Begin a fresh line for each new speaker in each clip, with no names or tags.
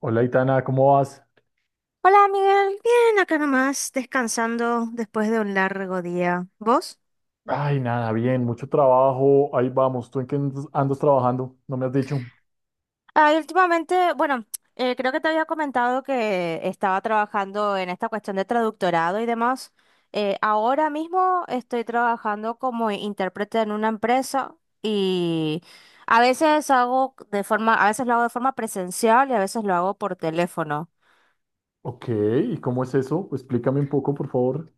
Hola, Itana, ¿cómo vas?
Hola, Miguel. Bien, acá nomás, descansando después de un largo día. ¿Vos?
Ay, nada, bien, mucho trabajo. Ahí vamos, ¿tú en qué andas trabajando? No me has dicho.
Ah, y últimamente, bueno, creo que te había comentado que estaba trabajando en esta cuestión de traductorado y demás. Ahora mismo estoy trabajando como intérprete en una empresa y a veces hago de forma, a veces lo hago de forma presencial y a veces lo hago por teléfono.
Ok, ¿y cómo es eso? Explícame un poco, por favor.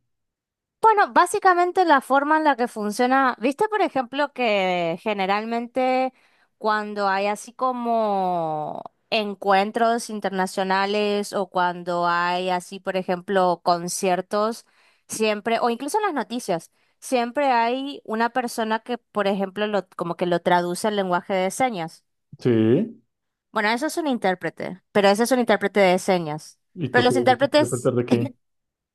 Bueno, básicamente la forma en la que funciona, viste por ejemplo que generalmente cuando hay así como encuentros internacionales o cuando hay así por ejemplo conciertos, siempre, o incluso en las noticias, siempre hay una persona que por ejemplo lo, como que lo traduce al lenguaje de señas.
Sí,
Bueno, eso es un intérprete, pero ese es un intérprete de señas.
¿y tú
Pero
qué
los
eres intérprete
intérpretes
de qué?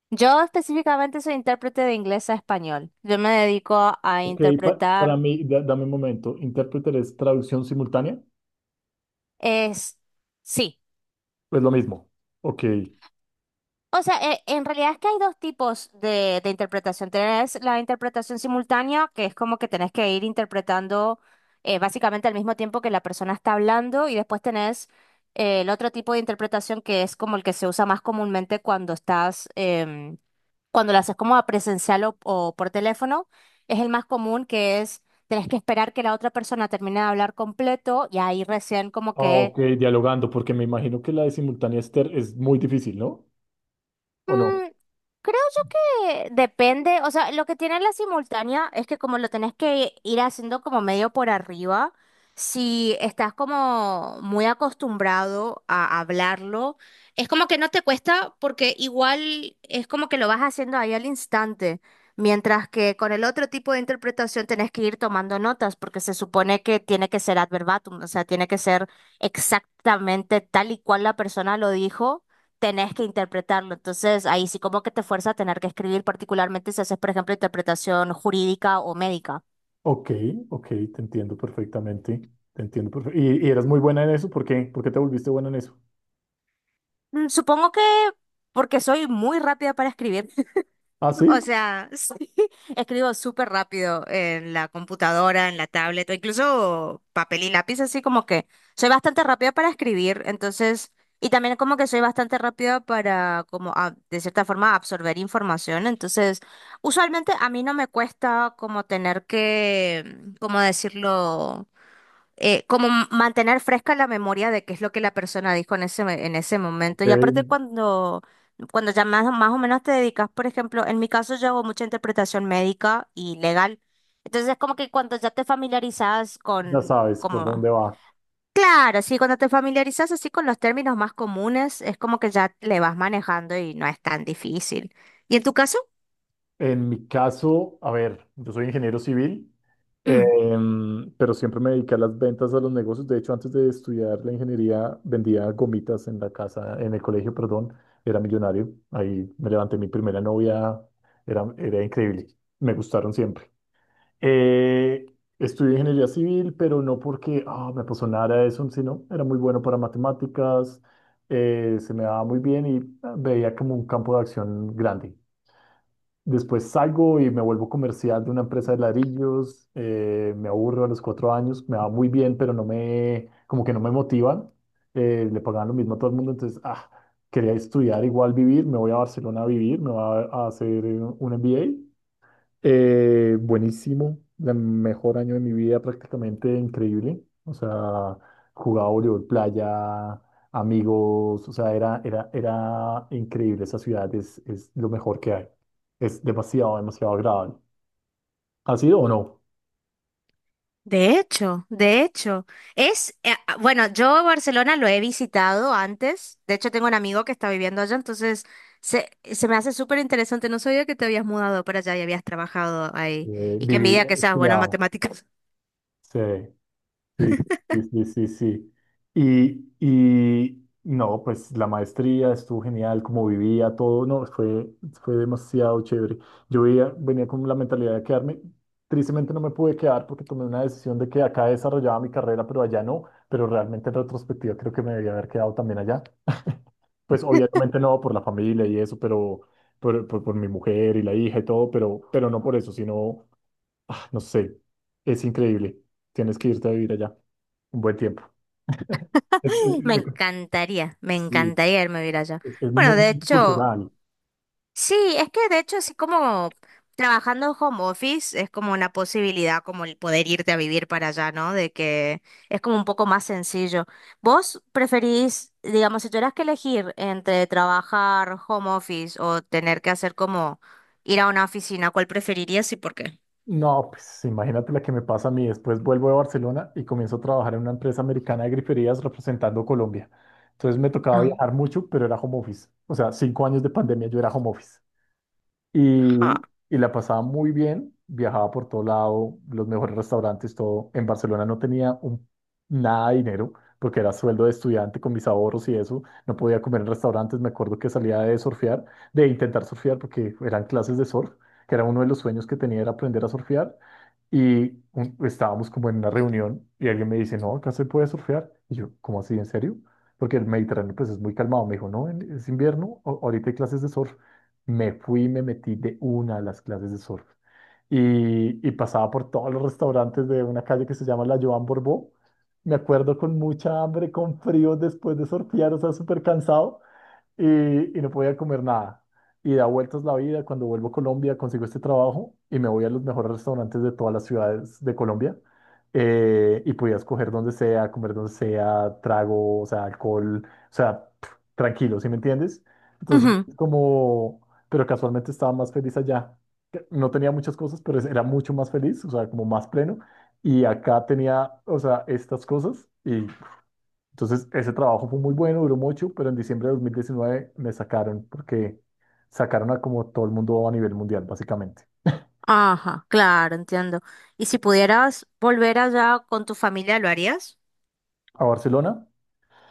yo específicamente soy intérprete de inglés a español. Yo me dedico a
Ok, para
interpretar
mí, dame un momento. ¿Intérprete es traducción simultánea?
es sí.
Pues lo mismo. Ok.
O sea, en realidad es que hay dos tipos de interpretación. Tenés la interpretación simultánea, que es como que tenés que ir interpretando básicamente al mismo tiempo que la persona está hablando, y después tenés el otro tipo de interpretación que es como el que se usa más comúnmente cuando estás cuando lo haces como a presencial o por teléfono, es el más común que es, tenés que esperar que la otra persona termine de hablar completo y ahí recién como
Ah,
que
ok, dialogando, porque me imagino que la de simultánea es, es muy difícil, ¿no? ¿O no?
mm, creo yo que depende, o sea, lo que tiene la simultánea es que como lo tenés que ir haciendo como medio por arriba, si estás como muy acostumbrado a hablarlo, es como que no te cuesta porque igual es como que lo vas haciendo ahí al instante, mientras que con el otro tipo de interpretación tenés que ir tomando notas porque se supone que tiene que ser ad verbatim, o sea, tiene que ser exactamente tal y cual la persona lo dijo tenés que interpretarlo. Entonces, ahí sí como que te fuerza a tener que escribir, particularmente si haces, por ejemplo, interpretación jurídica o médica.
Ok, ok, te entiendo perfectamente. Te entiendo perfectamente. ¿Y eras muy buena en eso? ¿Por qué? ¿Por qué te volviste buena en eso?
Mm, supongo que porque soy muy rápida para escribir.
Ah, sí,
O sea, sí, escribo súper rápido en la computadora, en la tablet, o incluso papel y lápiz, así como que soy bastante rápida para escribir, entonces, y también como que soy bastante rápida para, como, de cierta forma, absorber información, entonces, usualmente a mí no me cuesta como tener que, ¿cómo decirlo? Como mantener fresca la memoria de qué es lo que la persona dijo en ese, en ese momento. Y aparte
ok,
cuando, cuando ya más, más o menos te dedicas, por ejemplo, en mi caso yo hago mucha interpretación médica y legal. Entonces es como que cuando ya te familiarizas
ya
con,
sabes por dónde
como,
va.
claro, sí, cuando te familiarizas así con los términos más comunes, es como que ya le vas manejando y no es tan difícil. ¿Y en tu caso?
En mi caso, a ver, yo soy ingeniero civil, pero siempre me dediqué a las ventas, a los negocios. De hecho, antes de estudiar la ingeniería, vendía gomitas en la casa, en el colegio, perdón, era millonario. Ahí me levanté mi primera novia, era, era increíble, me gustaron siempre. Eh, estudié ingeniería civil, pero no porque me apasionara eso, sino era muy bueno para matemáticas, se me daba muy bien y veía como un campo de acción grande. Después salgo y me vuelvo comercial de una empresa de ladrillos, me aburro a los 4 años, me va muy bien, pero no me, como que no me motivan, le pagaban lo mismo a todo el mundo, entonces, quería estudiar igual vivir, me voy a Barcelona a vivir, me voy a hacer un MBA. Buenísimo, el mejor año de mi vida, prácticamente increíble. O sea, jugaba voleibol playa, amigos, o sea, era, era, era increíble. Esa ciudad es lo mejor que hay. Es demasiado, demasiado agradable. ¿Ha sido o no?
De hecho, es, bueno, yo Barcelona lo he visitado antes, de hecho tengo un amigo que está viviendo allá, entonces se me hace súper interesante, no sabía que te habías mudado para allá y habías trabajado ahí,
Eh,
y qué
viví,
envidia que
he
seas buena en
estudiado.
matemáticas.
Sí, sí, sí, sí, sí, sí. Y no, pues la maestría estuvo genial, como vivía todo, no, fue, fue demasiado chévere. Yo venía con la mentalidad de quedarme, tristemente no me pude quedar porque tomé una decisión de que acá desarrollaba mi carrera, pero allá no, pero realmente en retrospectiva creo que me debía haber quedado también allá. Pues obviamente no por la familia y eso, pero por mi mujer y la hija y todo, pero no por eso, sino Ah, no sé, es increíble. Tienes que irte a vivir allá un buen tiempo. Es,
Me
sí,
encantaría irme a vivir allá.
es
Bueno,
muy
de hecho,
cultural.
sí, es que de hecho así como trabajando home office es como una posibilidad como el poder irte a vivir para allá, ¿no? De que es como un poco más sencillo. ¿Vos preferís, digamos, si tuvieras que elegir entre trabajar home office o tener que hacer como ir a una oficina, ¿cuál preferirías y por qué?
No, pues imagínate la que me pasa a mí. Después vuelvo de Barcelona y comienzo a trabajar en una empresa americana de griferías representando Colombia. Entonces me tocaba
Ah.
viajar mucho, pero era home office. O sea, 5 años de pandemia yo era home office.
Ajá.
Y la pasaba muy bien, viajaba por todo lado, los mejores restaurantes, todo. En Barcelona no tenía un, nada de dinero porque era sueldo de estudiante con mis ahorros y eso. No podía comer en restaurantes, me acuerdo que salía de surfear, de intentar surfear porque eran clases de surf, que era uno de los sueños que tenía era aprender a surfear. Y estábamos como en una reunión y alguien me dice, no, acá se puede surfear. Y yo, ¿cómo así? ¿En serio? Porque el Mediterráneo pues es muy calmado. Me dijo, no, es invierno, ahorita hay clases de surf. Me fui y me metí de una a las clases de surf. Y pasaba por todos los restaurantes de una calle que se llama la Joan Borbó. Me acuerdo con mucha hambre, con frío después de surfear, o sea, súper cansado y no podía comer nada. Y da vueltas la vida, cuando vuelvo a Colombia consigo este trabajo y me voy a los mejores restaurantes de todas las ciudades de Colombia. Y podía escoger donde sea, comer donde sea, trago, o sea, alcohol, o sea, pf, tranquilo, ¿sí me entiendes? Entonces,
Ujú.
como, pero casualmente estaba más feliz allá. Que no tenía muchas cosas, pero era mucho más feliz, o sea, como más pleno. Y acá tenía, o sea, estas cosas y entonces, ese trabajo fue muy bueno, duró mucho, pero en diciembre de 2019 me sacaron porque sacaron a como todo el mundo a nivel mundial, básicamente.
Ajá, claro, entiendo. ¿Y si pudieras volver allá con tu familia, lo harías?
¿A Barcelona?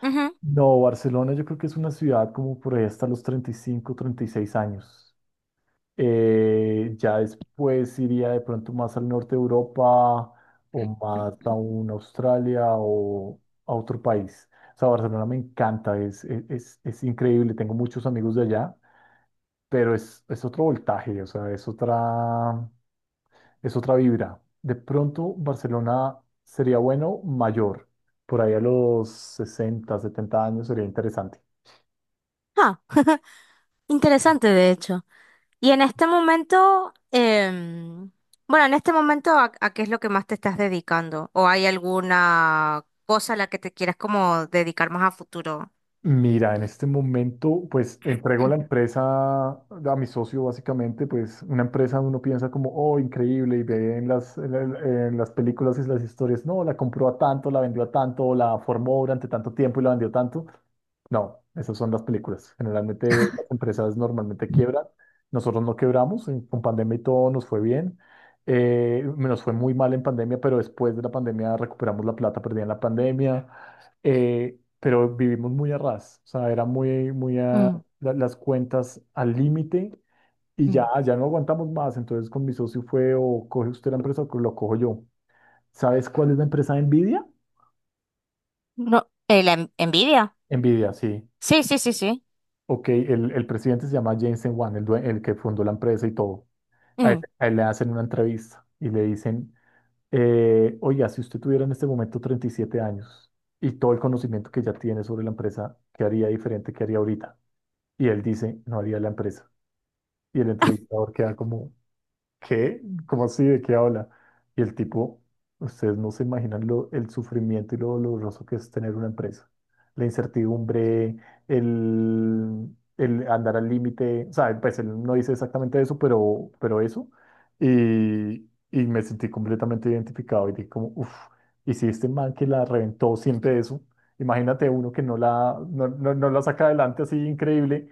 Ujú.
No, Barcelona yo creo que es una ciudad como por ahí hasta los 35, 36 años. Ya después iría de pronto más al norte de Europa o más a un Australia o a otro país. O sea, Barcelona me encanta, es, es increíble, tengo muchos amigos de allá pero es otro voltaje, o sea, es otra vibra. De pronto, Barcelona sería bueno mayor, por ahí a los 60, 70 años sería interesante.
Ah, interesante de hecho. Y en este momento, bueno, en este momento, a qué es lo que más te estás dedicando? ¿O hay alguna cosa a la que te quieras como dedicar más a futuro?
Mira, en este momento, pues entrego la empresa a mi socio, básicamente, pues una empresa uno piensa como, oh, increíble, y ve en las, en las películas y las historias, no, la compró a tanto, la vendió a tanto, la formó durante tanto tiempo y la vendió tanto. No, esas son las películas. Generalmente las empresas normalmente quiebran. Nosotros no quebramos, con pandemia y todo nos fue bien. Nos fue muy mal en pandemia, pero después de la pandemia recuperamos la plata perdida en la pandemia, pero vivimos muy a ras, o sea, era muy, muy a
Mm,
las cuentas al límite y ya,
mm.
ya no aguantamos más, entonces con mi socio fue o coge usted la empresa o lo cojo yo. ¿Sabes cuál es la empresa de Nvidia?
No, la envidia.
Nvidia, sí.
Sí, sí, sí, sí.
Ok, el presidente se llama Jensen Huang, el, el que fundó la empresa y todo. A él,
Mm,
a él le hacen una entrevista y le dicen, oiga, si usted tuviera en este momento 37 años y todo el conocimiento que ya tiene sobre la empresa, ¿qué haría diferente? ¿Qué haría ahorita? Y él dice, no haría la empresa. Y el entrevistador queda como, ¿qué? ¿Cómo así? ¿De qué habla? Y el tipo, ustedes no se imaginan lo, el sufrimiento y lo doloroso que es tener una empresa. La incertidumbre, el, el andar al límite, o sea, pues él no dice exactamente eso, pero eso. Y me sentí completamente identificado y dije como, uff, y si este man que la reventó siente eso, imagínate uno que no la, no, no, no la saca adelante así increíble,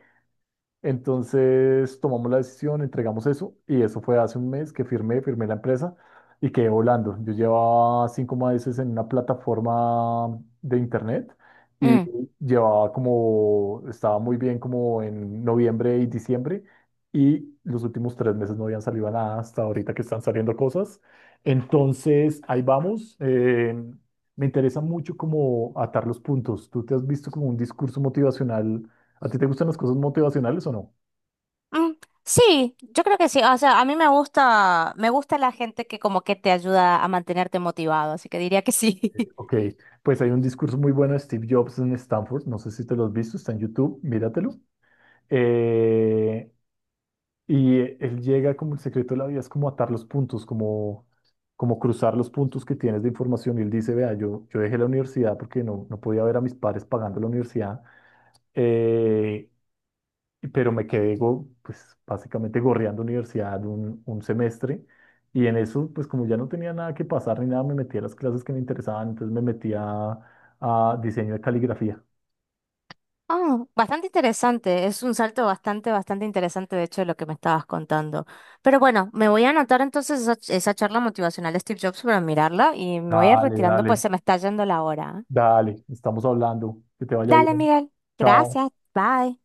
entonces tomamos la decisión, entregamos eso y eso fue hace un mes que firmé, firmé la empresa y quedé volando. Yo llevaba 5 meses en una plataforma de internet y
mm,
llevaba como, estaba muy bien como en noviembre y diciembre y los últimos 3 meses no habían salido nada hasta ahorita que están saliendo cosas. Entonces ahí vamos. Me interesa mucho como atar los puntos. Tú te has visto como un discurso motivacional. ¿A ti te gustan las cosas motivacionales o no?
mm. Sí, yo creo que sí. O sea, a mí me gusta la gente que como que te ayuda a mantenerte motivado, así que diría que sí.
Ok, pues hay un discurso muy bueno de Steve Jobs en Stanford, no sé si te lo has visto, está en YouTube, míratelo. Eh, y él llega como el secreto de la vida es como atar los puntos, como, como cruzar los puntos que tienes de información. Y él dice, vea, yo dejé la universidad porque no, no podía ver a mis padres pagando la universidad. Eh, pero me quedé, pues básicamente gorreando universidad un semestre y en eso, pues como ya no tenía nada que pasar ni nada, me metí a las clases que me interesaban, entonces me metí a diseño de caligrafía.
Ah, bastante interesante, es un salto bastante, bastante interesante de hecho de lo que me estabas contando. Pero bueno, me voy a anotar entonces esa, esa charla motivacional de Steve Jobs para mirarla y me voy a ir
Dale,
retirando pues
dale,
se me está yendo la hora. ¿Eh?
dale, estamos hablando, que te vaya
Dale,
bien.
Miguel.
Chao.
Gracias. Bye.